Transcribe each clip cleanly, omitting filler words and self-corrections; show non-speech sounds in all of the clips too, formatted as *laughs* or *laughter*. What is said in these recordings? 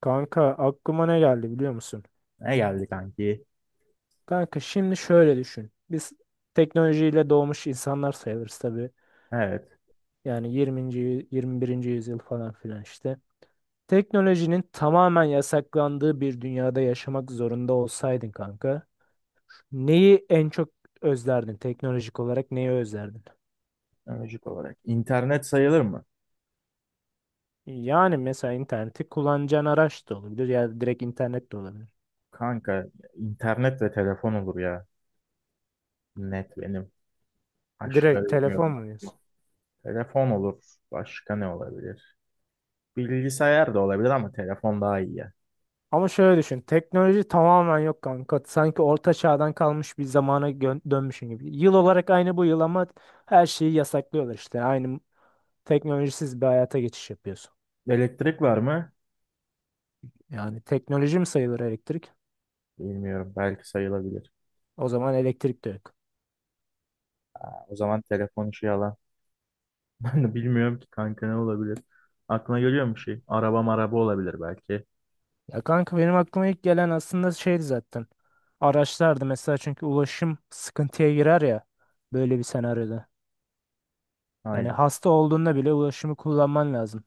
Kanka aklıma ne geldi biliyor musun? Ne geldi kanki? Kanka şimdi şöyle düşün. Biz teknolojiyle doğmuş insanlar sayılırız tabii. Evet. Yani 21. yüzyıl falan filan işte. Teknolojinin tamamen yasaklandığı bir dünyada yaşamak zorunda olsaydın kanka, neyi en çok özlerdin? Teknolojik olarak neyi özlerdin? Öncük olarak. İnternet sayılır mı? Yani mesela interneti kullanacağın araç da olabilir ya da direkt internet de olabilir. Kanka internet ve telefon olur ya. Net benim. Başka Direkt telefon bilmiyorum mu diyorsun? aklıma. Telefon olur. Başka ne olabilir? Bilgisayar da olabilir ama telefon daha iyi ya. Ama şöyle düşün. Teknoloji tamamen yok kanka. Sanki orta çağdan kalmış bir zamana dönmüşün gibi. Yıl olarak aynı bu yıl ama her şeyi yasaklıyorlar işte. Aynı teknolojisiz bir hayata geçiş yapıyorsun. Elektrik var mı? Yani teknoloji mi sayılır elektrik? Bilmiyorum. Belki sayılabilir. O zaman elektrik de yok. Ha, o zaman telefon işi yalan. *laughs* Ben de bilmiyorum ki kanka ne olabilir. Aklına geliyor mu bir şey? Araba maraba olabilir belki. Ya kanka benim aklıma ilk gelen aslında şeydi zaten. Araçlardı mesela çünkü ulaşım sıkıntıya girer ya böyle bir senaryoda. Yani Aynen. hasta olduğunda bile ulaşımı kullanman lazım.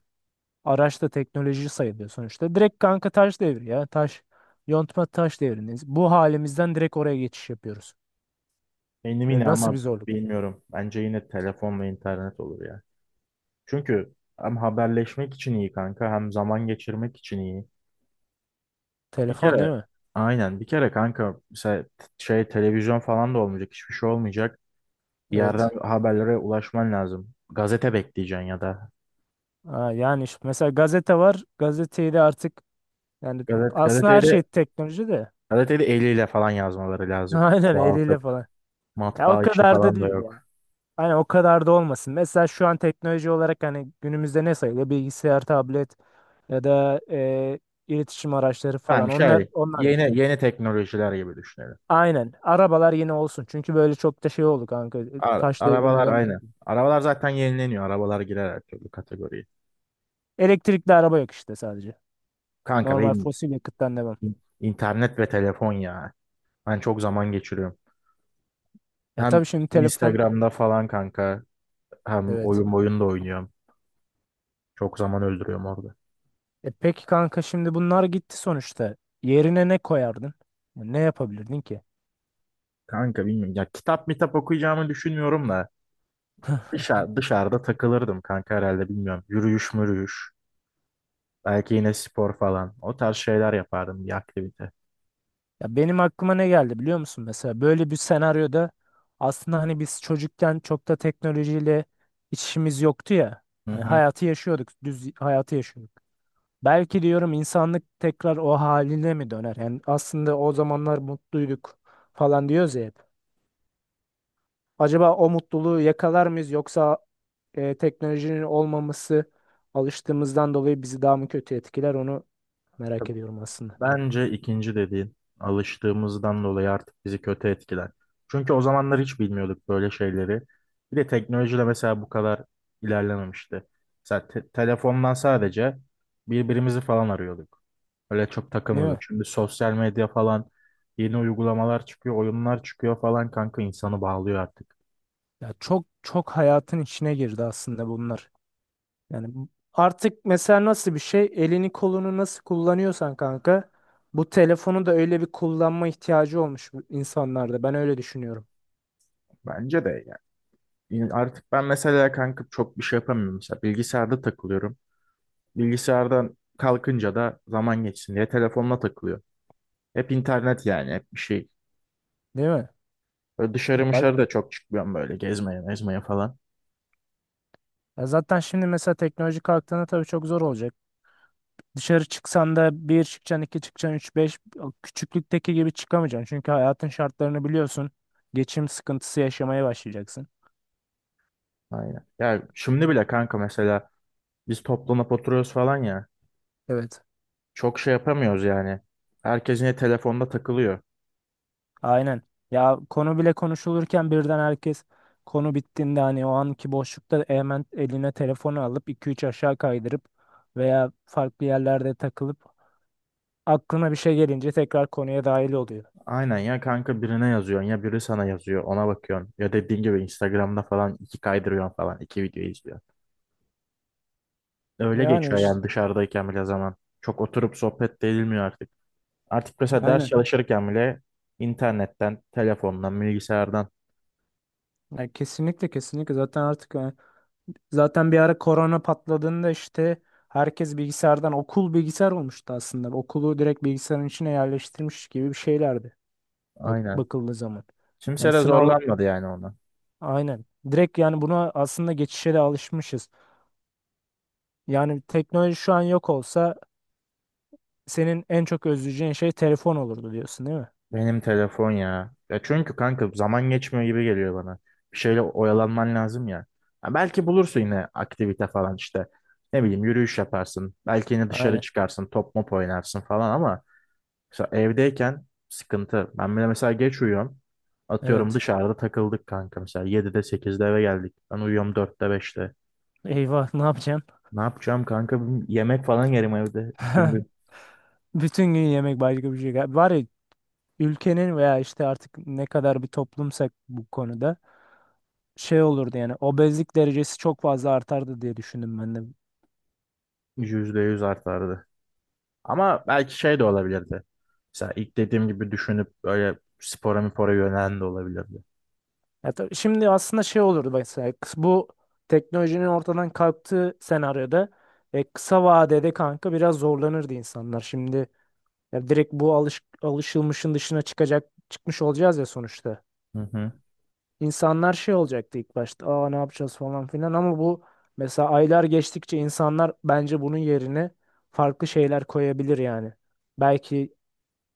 Araç da teknoloji sayılıyor sonuçta. Direkt kanka taş devri ya. Taş, yontma taş devrindeyiz. Bu halimizden direkt oraya geçiş yapıyoruz. Benim Yani yine nasıl bir ama zorluk? bilmiyorum. Bence yine telefon ve internet olur ya. Çünkü hem haberleşmek için iyi kanka hem zaman geçirmek için iyi. Bir Telefon kere değil mi? aynen bir kere kanka mesela televizyon falan da olmayacak, hiçbir şey olmayacak. Bir yerden Evet. haberlere ulaşman lazım. Gazete bekleyeceksin ya da Ha, yani işte mesela gazete var. Gazeteyi de artık yani gazet aslında her gazeteyi de şey teknoloji de. gazeteyi de eliyle falan yazmaları *laughs* lazım. Aynen eliyle Çoğaltıp falan. Ya o matbaa işi kadar da falan da değil ya. yok. Hani o kadar da olmasın. Mesela şu an teknoloji olarak hani günümüzde ne sayılıyor? Bilgisayar, tablet ya da iletişim araçları Ben falan. Onlar şey onlar yeni yeni teknolojiler gibi düşünelim. Aynen. Arabalar yine olsun. Çünkü böyle çok da şey oldu kanka. Ar- Taş devrine arabalar dönmek. aynı. Arabalar zaten yenileniyor. Arabalar girer her türlü kategoriye. Elektrikli araba yok işte sadece. Kanka Normal benim fosil yakıttan devam. İn- İnternet ve telefon ya. Ben çok zaman geçiriyorum. Ya Hem tabii şimdi telefon. Instagram'da falan kanka hem Evet. oyun da oynuyorum. Çok zaman öldürüyorum orada. E peki kanka şimdi bunlar gitti sonuçta. Yerine ne koyardın? Ya ne yapabilirdin ki? Kanka bilmiyorum ya, kitap mitap okuyacağımı düşünmüyorum da dışarıda takılırdım kanka herhalde, bilmiyorum. Yürüyüş mürüyüş. Belki yine spor falan. O tarz şeyler yapardım, bir aktivite. Ya benim aklıma ne geldi biliyor musun? Mesela böyle bir senaryoda aslında hani biz çocukken çok da teknolojiyle iç işimiz yoktu ya. Hı Hani hı. hayatı yaşıyorduk. Düz hayatı yaşıyorduk. Belki diyorum insanlık tekrar o haline mi döner? Yani aslında o zamanlar mutluyduk falan diyoruz ya hep. Acaba o mutluluğu yakalar mıyız yoksa teknolojinin olmaması alıştığımızdan dolayı bizi daha mı kötü etkiler onu merak ediyorum aslında. Bence ikinci dediğin, alıştığımızdan dolayı artık bizi kötü etkiler. Çünkü o zamanlar hiç bilmiyorduk böyle şeyleri. Bir de teknoloji de mesela bu kadar ilerlememişti. Mesela telefondan sadece birbirimizi falan arıyorduk. Öyle çok Değil mi? takılmıyorduk. Şimdi sosyal medya falan, yeni uygulamalar çıkıyor, oyunlar çıkıyor falan kanka, insanı bağlıyor artık. Ya çok çok hayatın içine girdi aslında bunlar. Yani artık mesela nasıl bir şey elini kolunu nasıl kullanıyorsan kanka bu telefonu da öyle bir kullanma ihtiyacı olmuş bu insanlarda. Ben öyle düşünüyorum. Bence de yani. Artık ben mesela kanka çok bir şey yapamıyorum. Mesela bilgisayarda takılıyorum. Bilgisayardan kalkınca da zaman geçsin diye telefonla takılıyor. Hep internet, yani hep bir şey. Değil mi? Böyle Ya dışarı bak, mışarı da çok çıkmıyorum, böyle gezmeye mezmeye falan. ya zaten şimdi mesela teknoloji kalktığında tabii çok zor olacak. Dışarı çıksan da bir çıkacaksın, iki çıkacaksın, üç, beş o küçüklükteki gibi çıkamayacaksın. Çünkü hayatın şartlarını biliyorsun. Geçim sıkıntısı yaşamaya başlayacaksın. Aynen. Ya şimdi bile kanka mesela biz toplanıp oturuyoruz falan ya. Evet. Çok şey yapamıyoruz yani. Herkes yine telefonda takılıyor. Aynen. Ya konu bile konuşulurken birden herkes konu bittiğinde hani o anki boşlukta hemen eline telefonu alıp iki üç aşağı kaydırıp veya farklı yerlerde takılıp aklına bir şey gelince tekrar konuya dahil oluyor. Aynen ya kanka, birine yazıyorsun ya biri sana yazıyor, ona bakıyorsun. Ya dediğin gibi Instagram'da falan iki kaydırıyorsun falan, iki video izliyorsun. Öyle Yani geçiyor işte yani dışarıdayken bile zaman. Çok oturup sohbet de edilmiyor artık. Artık mesela ders aynen. çalışırken bile internetten, telefondan, bilgisayardan. Ya kesinlikle zaten artık yani zaten bir ara korona patladığında işte herkes bilgisayardan okul bilgisayar olmuştu aslında. Okulu direkt bilgisayarın içine yerleştirmiş gibi bir şeylerdi Aynen. bakıldığı zaman. Yani Kimse de sınav zorlanmadı yani ona. aynen. Direkt yani buna aslında geçişe de alışmışız. Yani teknoloji şu an yok olsa senin en çok özleyeceğin şey telefon olurdu diyorsun değil mi? Benim telefon ya. Ya çünkü kanka zaman geçmiyor gibi geliyor bana. Bir şeyle oyalanman lazım ya. Ha belki bulursun yine aktivite falan işte. Ne bileyim, yürüyüş yaparsın. Belki yine dışarı Aynen. çıkarsın, top mop oynarsın falan ama mesela evdeyken sıkıntı. Ben bile mesela geç uyuyorum. Atıyorum Evet. dışarıda takıldık kanka mesela yedide sekizde eve geldik. Ben uyuyorum dörtte beşte. Eyvah ne yapacaksın? Ne yapacağım kanka? Yemek falan yerim evde. Bütün *laughs* gün Bütün gün yemek başka bir şey. Var ya, ülkenin veya işte artık ne kadar bir toplumsak bu konuda şey olurdu yani obezlik derecesi çok fazla artardı diye düşündüm ben de. %100 artardı. Ama belki şey de olabilirdi. Mesela ilk dediğim gibi düşünüp böyle spora mipora yönelen de olabilirdi. Ya tabii şimdi aslında şey olurdu mesela bu teknolojinin ortadan kalktığı senaryoda kısa vadede kanka biraz zorlanırdı insanlar. Şimdi ya direkt bu alışılmışın dışına çıkmış olacağız ya sonuçta. Hı hı. İnsanlar şey olacaktı ilk başta. Aa ne yapacağız falan filan ama bu mesela aylar geçtikçe insanlar bence bunun yerine farklı şeyler koyabilir yani. Belki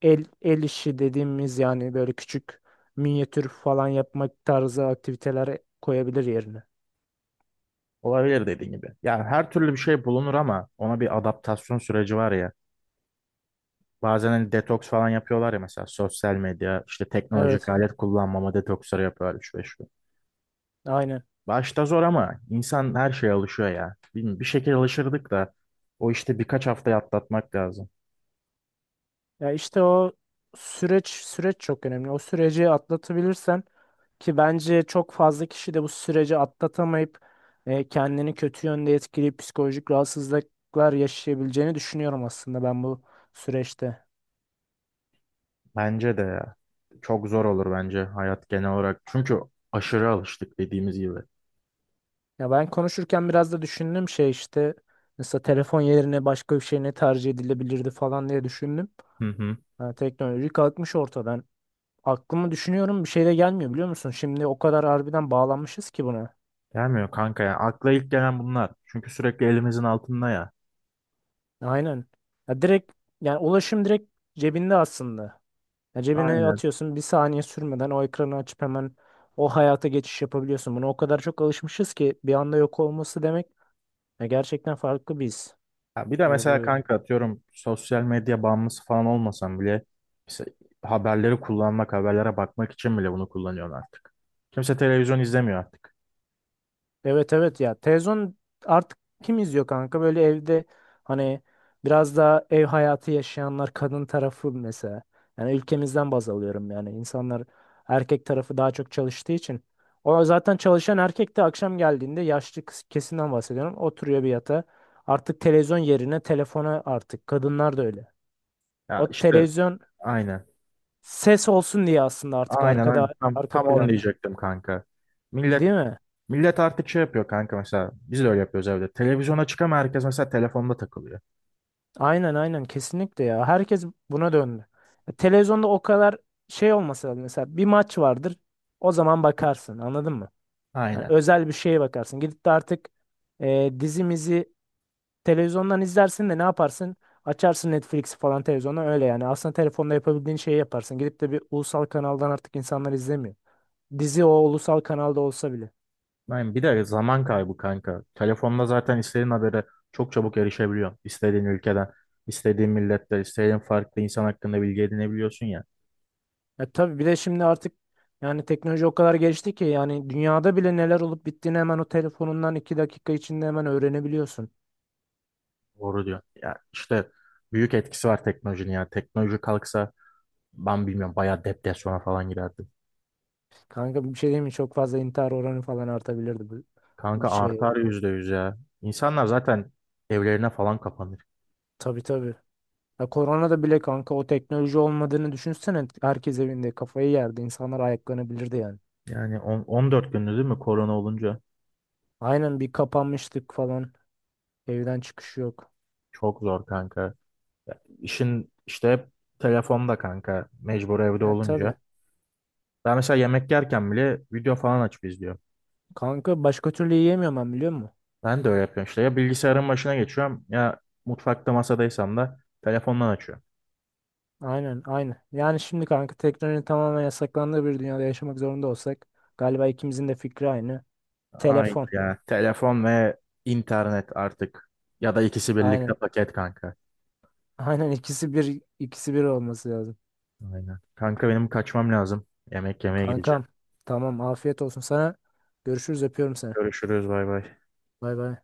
el işi dediğimiz yani böyle küçük minyatür falan yapmak tarzı aktiviteler koyabilir yerine. Olabilir dediğin gibi. Yani her türlü bir şey bulunur ama ona bir adaptasyon süreci var ya. Bazen hani detoks falan yapıyorlar ya, mesela sosyal medya, işte teknolojik Evet, alet kullanmama detoksları yapıyorlar 3-5 gün. aynen. Başta zor ama insan her şeye alışıyor ya. Bilmiyorum, bir şekilde alışırdık da o işte birkaç haftayı atlatmak lazım. Ya işte o süreç çok önemli. O süreci atlatabilirsen ki bence çok fazla kişi de bu süreci atlatamayıp kendini kötü yönde etkileyip psikolojik rahatsızlıklar yaşayabileceğini düşünüyorum aslında ben bu süreçte. Bence de ya. Çok zor olur bence hayat genel olarak. Çünkü aşırı alıştık dediğimiz gibi. Ya ben konuşurken biraz da düşündüm şey işte mesela telefon yerine başka bir şey ne tercih edilebilirdi falan diye düşündüm. Hı hı. Ha, teknoloji kalkmış ortadan. Aklımı düşünüyorum bir şey de gelmiyor biliyor musun? Şimdi o kadar harbiden bağlanmışız ki buna. Gelmiyor kanka ya. Akla ilk gelen bunlar. Çünkü sürekli elimizin altında ya. Aynen. Ya direkt yani ulaşım direkt cebinde aslında. Ya cebine Aynen. atıyorsun bir saniye sürmeden o ekranı açıp hemen o hayata geçiş yapabiliyorsun. Buna o kadar çok alışmışız ki bir anda yok olması demek ya gerçekten farklı bir his. Ya bir de Bu mesela kanka atıyorum sosyal medya bağımlısı falan olmasam bile, mesela haberleri kullanmak, haberlere bakmak için bile bunu kullanıyorsun artık. Kimse televizyon izlemiyor artık. evet evet ya televizyon artık kim izliyor kanka böyle evde hani biraz daha ev hayatı yaşayanlar kadın tarafı mesela yani ülkemizden baz alıyorum yani insanlar erkek tarafı daha çok çalıştığı için o zaten çalışan erkek de akşam geldiğinde yaşlı kesimden bahsediyorum oturuyor bir yatağa artık televizyon yerine telefona artık kadınlar da öyle Ya o işte televizyon aynen. ses olsun diye aslında artık Aynen. Tam, arka tam onu planda diyecektim kanka. değil Millet mi? Millet artık şey yapıyor kanka mesela. Biz de öyle yapıyoruz evde. Televizyona çıkama herkes mesela telefonda takılıyor. Aynen aynen kesinlikle ya. Herkes buna döndü. Ya Televizyonda o kadar şey olmasa da mesela bir maç vardır. O zaman bakarsın anladın mı? Yani Aynen. özel bir şeye bakarsın. Gidip de artık e, dizimizi televizyondan izlersin de ne yaparsın? Açarsın Netflix'i falan televizyondan öyle yani. Aslında telefonda yapabildiğin şeyi yaparsın. Gidip de bir ulusal kanaldan artık insanlar izlemiyor. Dizi o ulusal kanalda olsa bile. Aynen. Bir de zaman kaybı kanka. Telefonda zaten istediğin habere çok çabuk erişebiliyorsun. İstediğin ülkeden, istediğin milletten, istediğin farklı insan hakkında bilgi edinebiliyorsun ya. E tabii bir de şimdi artık yani teknoloji o kadar gelişti ki yani dünyada bile neler olup bittiğini hemen o telefonundan iki dakika içinde hemen öğrenebiliyorsun. Doğru diyor. Ya işte büyük etkisi var teknolojinin ya. Teknoloji kalksa ben bilmiyorum, bayağı depresyona falan girerdim. Kanka bir şey diyeyim mi? Çok fazla intihar oranı falan artabilirdi bu Kanka şey. artar %100 ya. İnsanlar zaten evlerine falan kapanır. Tabii tabii. Ya koronada bile kanka o teknoloji olmadığını düşünsene. Herkes evinde kafayı yerdi. İnsanlar ayaklanabilirdi yani. Yani 14 gündü değil mi korona olunca? Aynen bir kapanmıştık falan. Evden çıkış yok. Çok zor kanka. Ya, İşin işte hep telefonda kanka. Mecbur evde Ya tabii. olunca. Ben mesela yemek yerken bile video falan açıp izliyorum. Kanka başka türlü yiyemiyorum ben biliyor musun? Ben de öyle yapıyorum işte. Ya bilgisayarın başına geçiyorum ya mutfakta masadaysam da telefondan açıyorum. Aynen, aynen. Yani şimdi kanka teknolojinin tamamen yasaklandığı bir dünyada yaşamak zorunda olsak galiba ikimizin de fikri aynı. Ay Telefon. ya telefon ve internet artık. Ya da ikisi Aynen. birlikte paket kanka. *laughs* Aynen ikisi bir olması lazım. Aynen. Kanka benim kaçmam lazım. Yemek yemeye gideceğim. Kankam tamam afiyet olsun sana. Görüşürüz öpüyorum seni. Görüşürüz, bay bay. Bay bay.